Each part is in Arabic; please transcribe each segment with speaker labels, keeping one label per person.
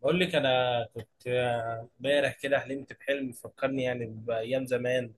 Speaker 1: بقول لك انا كنت امبارح كده حلمت بحلم فكرني يعني بايام زمان.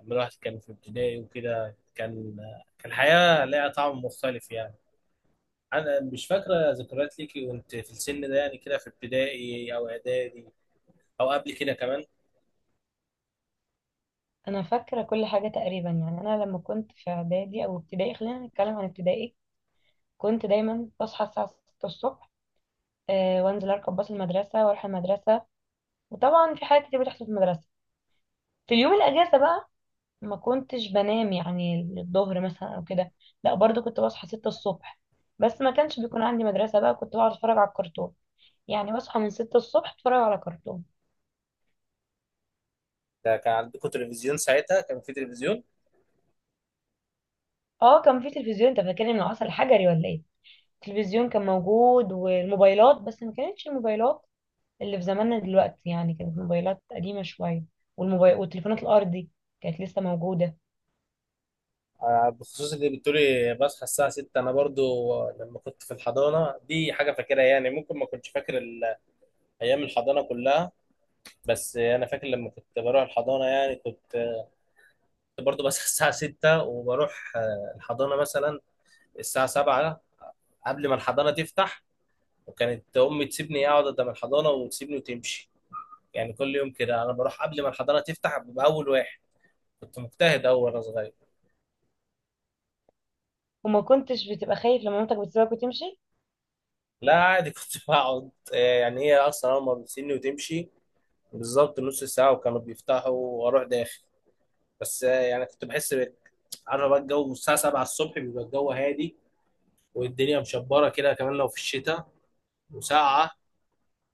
Speaker 1: لما الواحد كان في ابتدائي وكده كان الحياه ليها طعم مختلف يعني. انا مش فاكره ذكريات ليكي وانت في السن ده، يعني كده في ابتدائي او اعدادي او قبل كده كمان.
Speaker 2: انا فاكره كل حاجه تقريبا يعني انا لما كنت في اعدادي او ابتدائي، خلينا نتكلم عن ابتدائي. كنت دايما بصحى الساعه 6 الصبح، وانزل اركب باص المدرسه واروح المدرسه. وطبعا في حاجات كتير بتحصل في المدرسه. في اليوم الاجازه بقى ما كنتش بنام يعني الظهر مثلا او كده. لا، برضو كنت بصحى 6 الصبح، بس ما كانش بيكون عندي مدرسه بقى، كنت بقعد اتفرج على الكرتون. يعني بصحى من 6 الصبح اتفرج على كرتون.
Speaker 1: ده كان عندكم تلفزيون ساعتها؟ كان في تلفزيون؟
Speaker 2: اه، كان في تلفزيون، انت فاكرني من العصر الحجري ولا ايه؟ التلفزيون كان موجود والموبايلات، بس ما كانتش الموبايلات اللي في زماننا دلوقتي، يعني كانت الموبايلات قديمة شوية. والموبايل والتليفونات الأرضي كانت لسه موجودة.
Speaker 1: آه، بخصوص اللي بتقولي بصحى الساعة 6، أنا برضو لما كنت في الحضانة دي حاجة فاكرها. يعني ممكن ما كنتش فاكر أيام الحضانة كلها. بس انا فاكر لما كنت بروح الحضانه يعني كنت برضو بس الساعه 6 وبروح الحضانه مثلا الساعه 7 قبل ما الحضانه تفتح. وكانت امي تسيبني اقعد قدام الحضانه وتسيبني وتمشي. يعني كل يوم كده انا بروح قبل ما الحضانه تفتح ببقى اول واحد. كنت مجتهد اول وانا صغير.
Speaker 2: وما كنتش بتبقى خايف لما مامتك بتسيبك وتمشي؟
Speaker 1: لا عادي، كنت بقعد يعني هي اصلا اول ما بتسيبني وتمشي بالظبط نص ساعه وكانوا بيفتحوا واروح داخل. بس يعني كنت بحس عارف بقى، الجو الساعه 7 الصبح بيبقى الجو هادي، والدنيا مشبره كده كمان لو في الشتاء وساقعه.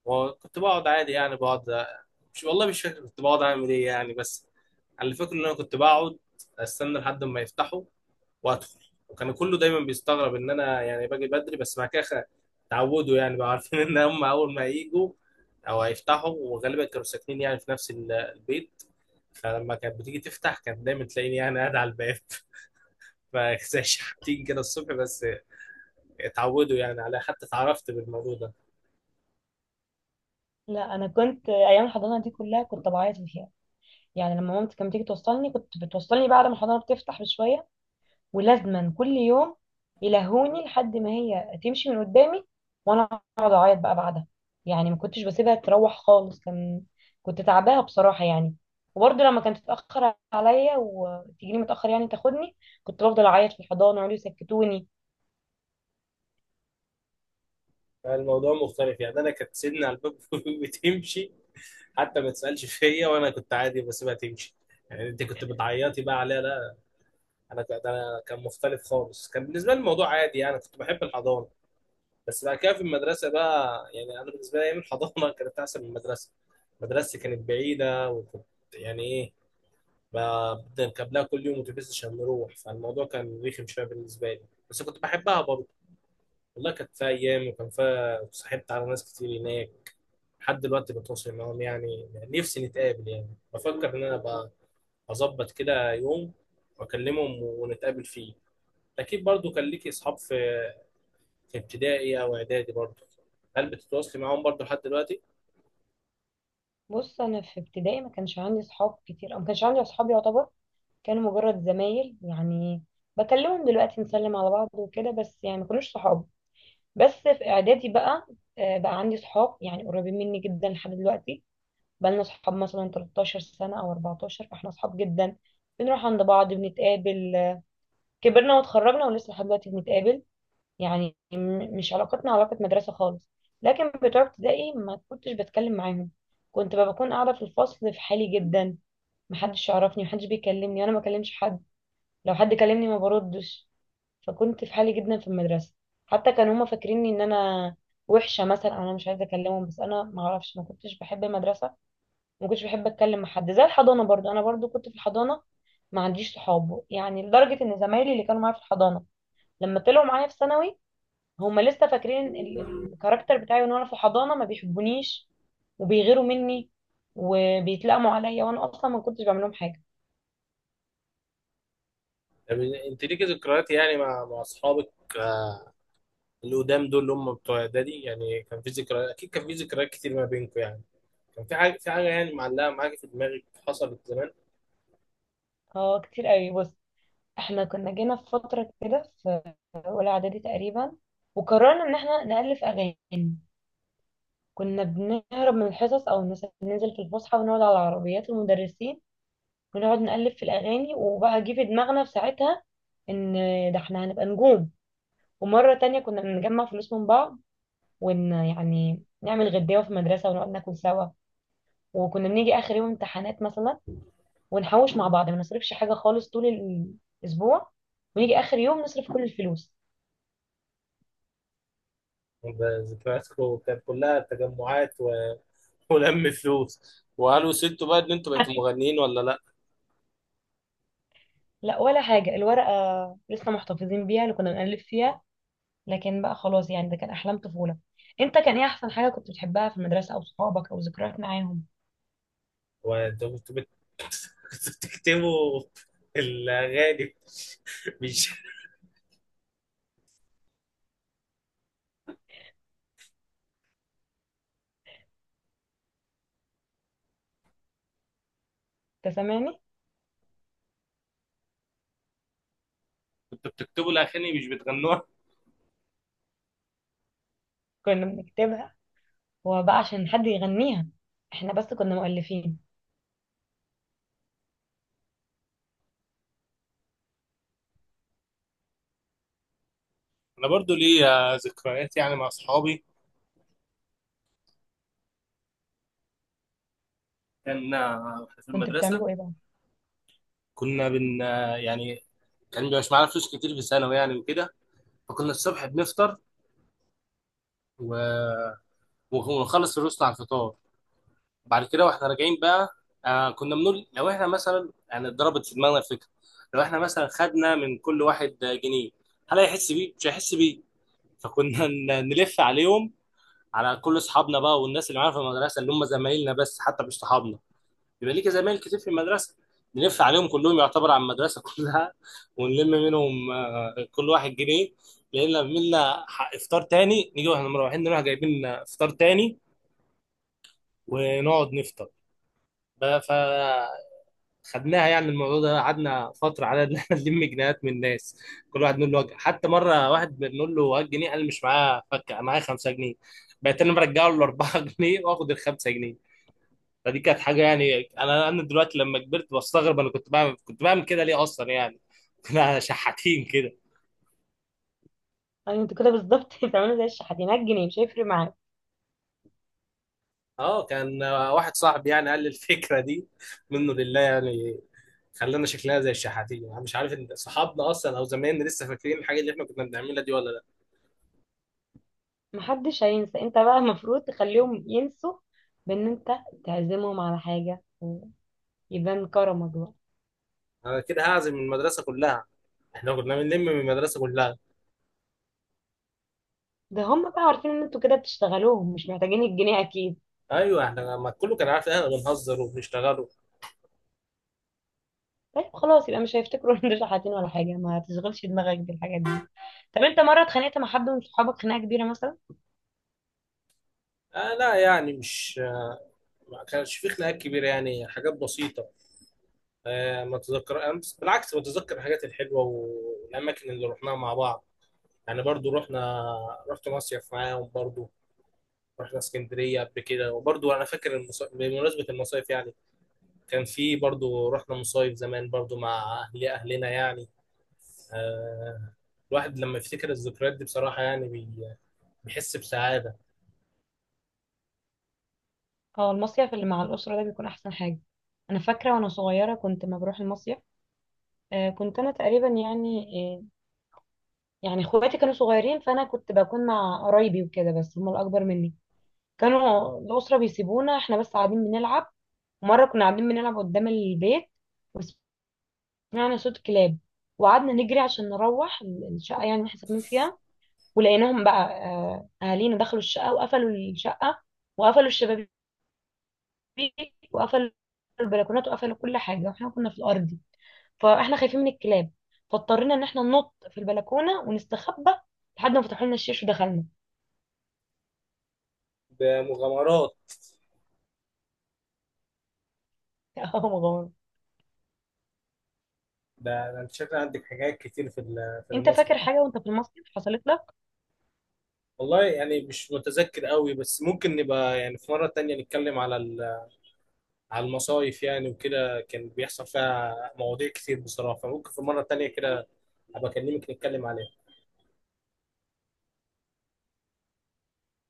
Speaker 1: وكنت بقعد عادي يعني بقعد. مش، والله مش فاكر كنت بقعد اعمل ايه يعني، بس اللي فاكر ان انا كنت بقعد استنى لحد ما يفتحوا وادخل. وكان كله دايما بيستغرب ان انا يعني باجي بدري. بس بعد كده اتعودوا يعني، بقى عارفين ان هم اول ما يجوا او هيفتحوا، وغالبا كانوا ساكنين يعني في نفس البيت. فلما كانت بتيجي تفتح كانت دايما تلاقيني يعني قاعد على الباب فزي شحاتين كده الصبح بس. اتعودوا يعني عليها حتى اتعرفت بالموضوع ده.
Speaker 2: لا، أنا كنت أيام الحضانة دي كلها كنت بعيط فيها. يعني لما مامتي كانت بتيجي توصلني، كنت بتوصلني بعد ما الحضانة بتفتح بشوية، ولازما كل يوم يلهوني لحد ما هي تمشي من قدامي، وانا اقعد اعيط بقى بعدها. يعني ما كنتش بسيبها تروح خالص. كان كنت تعباها بصراحه يعني. وبرضه لما كانت تتاخر عليا وتجيني متاخر يعني تاخدني، كنت بفضل اعيط في الحضانه يقعدوا يسكتوني.
Speaker 1: الموضوع مختلف يعني، انا كانت سيدنا على الباب بتمشي حتى ما تسالش فيا وانا كنت عادي بسيبها تمشي. يعني انت كنت بتعيطي بقى عليها؟ لا، ده أنا كان مختلف خالص. كان بالنسبه لي الموضوع عادي، يعني كنت بحب الحضانه. بس بعد كده في المدرسه بقى، يعني انا بالنسبه لي ايام الحضانه كانت احسن من المدرسه. مدرستي كانت بعيده، وكنت يعني ايه، بنركب لها كل يوم اتوبيس عشان نروح. فالموضوع كان رخم شويه بالنسبه لي، بس كنت بحبها برضه. والله كانت فيها ايام، وكان فيها صاحبت على ناس كتير هناك لحد دلوقتي بتواصل معاهم. يعني نفسي نتقابل، يعني بفكر ان انا ابقى اظبط كده يوم واكلمهم ونتقابل فيه. اكيد برضو كان ليكي اصحاب في ابتدائي او اعدادي برضو. هل بتتواصلي معاهم برضو لحد دلوقتي؟
Speaker 2: بص، انا في ابتدائي ما كانش عندي صحاب كتير، او ما كانش عندي اصحاب يعتبر، كانوا مجرد زمايل يعني. بكلمهم دلوقتي نسلم على بعض وكده، بس يعني ما كانوش صحاب. بس في اعدادي بقى، بقى عندي صحاب يعني قريبين مني جدا لحد دلوقتي. بقى لنا صحاب مثلا 13 سنة او 14، فاحنا صحاب جدا، بنروح عند بعض، بنتقابل. كبرنا واتخرجنا ولسه لحد دلوقتي بنتقابل. يعني مش علاقتنا علاقة مدرسة خالص. لكن بتوع ابتدائي ما كنتش بتكلم معاهم، كنت بقى بكون قاعدة في الفصل في حالي جدا. محدش يعرفني، محدش بيكلمني، وانا ما بكلمش حد، لو حد كلمني ما بردش. فكنت في حالي جدا في المدرسة. حتى كانوا هما فاكريني ان انا وحشة مثلا، او انا مش عايزة اكلمهم، بس انا ما اعرفش، ما كنتش بحب المدرسة، ما كنتش بحب اتكلم مع حد. زي الحضانة برضو، انا برضو كنت في الحضانة ما عنديش صحاب، يعني لدرجة ان زمايلي اللي كانوا معايا في الحضانة لما طلعوا معايا في ثانوي، هما لسه فاكرين الكاركتر بتاعي ان انا في الحضانة ما بيحبونيش وبيغيروا مني وبيتلقموا عليا، وانا اصلا ما كنتش بعمل لهم حاجة.
Speaker 1: طب انت ليكي ذكريات يعني مع اصحابك، آه، اللي قدام دول اللي هم بتوع اعدادي، يعني كان في ذكريات. اكيد كان في ذكريات كتير ما بينكم يعني. كان في حاجه يعني معلقه معاكي في دماغك حصلت زمان؟
Speaker 2: اه، كتير قوي. بص، احنا كنا جينا في فترة كده، اولى اعدادي تقريبا، وقررنا ان احنا نألف اغاني. كنا بنهرب من الحصص او مثلا ننزل في الفسحه ونقعد على عربيات المدرسين، ونقعد نألف في الاغاني. وبقى جه في دماغنا في ساعتها ان ده احنا هنبقى نجوم. ومره تانية كنا بنجمع فلوس من بعض يعني نعمل غداوه في المدرسه ونقعد ناكل سوا. وكنا بنيجي اخر يوم امتحانات مثلا ونحوش مع بعض، ما نصرفش حاجه خالص طول الاسبوع، ونيجي اخر يوم نصرف كل الفلوس.
Speaker 1: ذكرياتكم كانت كلها تجمعات ولم فلوس، وقالوا سبتوا بقى ان انتوا بقيتوا مغنيين ولا لا؟
Speaker 2: لا، ولا حاجة. الورقة لسه محتفظين بيها اللي كنا بنألف فيها، لكن بقى خلاص يعني، ده كان أحلام طفولة. أنت كان إيه أحسن حاجة كنت بتحبها في المدرسة، أو صحابك، أو ذكريات معاهم؟
Speaker 1: وانتوا كنتوا بتكتبوا الاغاني، مش
Speaker 2: أنت سامعني؟
Speaker 1: كنتوا بتكتبوا الاغاني مش بتغنوها؟
Speaker 2: كنا بنكتبها، وبقى عشان حد يغنيها، إحنا بس كنا مؤلفين.
Speaker 1: انا برضو ليا ذكريات يعني مع اصحابي. كان إحنا في
Speaker 2: كنت
Speaker 1: المدرسه
Speaker 2: بتعملوا إيه بقى؟
Speaker 1: كنا بن آه، يعني، كان مش معانا فلوس كتير في ثانوي يعني وكده، فكنا الصبح بنفطر و- ونخلص الرسل على الفطار. بعد كده واحنا راجعين بقى، كنا بنقول لو احنا مثلا يعني اتضربت في دماغنا الفكره، لو احنا مثلا خدنا من كل واحد جنيه، هل هيحس بيه؟ مش هيحس بيه. فكنا نلف عليهم على كل اصحابنا بقى، والناس اللي معانا في المدرسه اللي هم زمايلنا بس حتى مش صحابنا، يبقى ليك زمايل كتير في المدرسه، نلف عليهم كلهم يعتبر على المدرسه كلها، ونلم منهم كل واحد جنيه. لان لما عملنا افطار تاني نيجي واحنا مروحين نروح جايبين فطار تاني ونقعد نفطر بقى. خدناها يعني الموضوع ده، قعدنا فتره على ان احنا نلم جنيهات من الناس. كل واحد نقول له وجه، حتى مره واحد بنقول له هات جنيه قال مش معاه فكه، أنا معايا 5 جنيه. بقيت انا برجع له 4 جنيه واخد ال 5 جنيه. فدي كانت حاجه، يعني انا دلوقتي لما كبرت بستغرب انا كنت بعمل كده ليه اصلا، يعني كنا شحاتين كده.
Speaker 2: يعني أنت كده بالظبط بتعملوا زي الشحاتين، جنيه مش هيفرق معاك.
Speaker 1: اه، كان واحد صاحبي يعني قال لي الفكره دي، منه لله يعني، خلانا شكلها زي الشحاتين. انا مش عارف ان صحابنا اصلا او زمايلنا لسه فاكرين الحاجه اللي احنا كنا بنعملها دي ولا.
Speaker 2: محدش هينسى. أنت بقى المفروض تخليهم ينسوا، بإن أنت تعزمهم على حاجة ويبان كرمك بقى.
Speaker 1: انا كده هعزم من المدرسه كلها؟ احنا كنا بنلم من المدرسه كلها.
Speaker 2: ده هم بقى عارفين إن أنتوا كده بتشتغلوهم، مش محتاجين الجنيه أكيد.
Speaker 1: ايوه، احنا ما كله كان عارف ان احنا بنهزر وبنشتغلوا.
Speaker 2: طيب خلاص، يبقى مش هيفتكروا ان دول حاطين ولا حاجه. ما تشغلش دماغك بالحاجات دي. طب انت مره اتخانقت مع حد من صحابك خناقه كبيره مثلا؟
Speaker 1: آه لا، يعني مش، ما كانش في خناقات كبيره يعني، حاجات بسيطه. آه، ما تذكر، أنا بالعكس بتذكر الحاجات الحلوه والاماكن اللي رحناها مع بعض. يعني برضو رحت مصيف معاهم برضو، رحنا اسكندريه قبل كده. وبرضو انا فاكر بمناسبه المصايف يعني، كان في برضو، رحنا مصايف زمان برضو مع اهلنا يعني. آه، الواحد لما يفتكر الذكريات دي بصراحة يعني بيحس بسعادة.
Speaker 2: اه، المصيف اللي مع الاسره ده بيكون احسن حاجه. انا فاكره وانا صغيره كنت ما بروح المصيف. آه، كنت انا تقريبا يعني، آه، يعني اخواتي كانوا صغيرين، فانا كنت بكون مع قرايبي وكده، بس هم الاكبر مني. كانوا الاسره بيسيبونا احنا بس قاعدين بنلعب. مره كنا قاعدين بنلعب قدام البيت، وسمعنا صوت كلاب، وقعدنا نجري عشان نروح الشقه، يعني اللي احنا ساكنين فيها. ولقيناهم بقى اهالينا دخلوا الشقه وقفلوا الشقه، وقفلوا الشبابيك، وقفلوا البلكونات، وقفلوا كل حاجه، واحنا كنا في الارضي. فاحنا خايفين من الكلاب، فاضطرينا ان احنا ننط في البلكونه ونستخبى لحد ما فتحوا لنا الشيش ودخلنا.
Speaker 1: بمغامرات.
Speaker 2: يا مغامر.
Speaker 1: ده انت شكلك عندك حاجات كتير في
Speaker 2: انت
Speaker 1: المصيف.
Speaker 2: فاكر حاجه وانت في المصيف حصلت لك؟
Speaker 1: والله يعني مش متذكر قوي، بس ممكن نبقى يعني في مرة تانية نتكلم على المصايف يعني وكده، كان بيحصل فيها مواضيع كتير بصراحة، فممكن في مرة تانية كده أبقى أكلمك نتكلم عليها.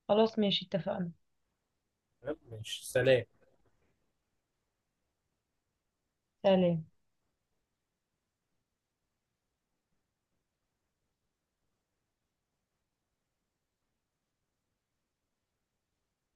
Speaker 2: خلاص، ماشي، اتفقنا.
Speaker 1: تمام، ماشي، سلام.
Speaker 2: سلام.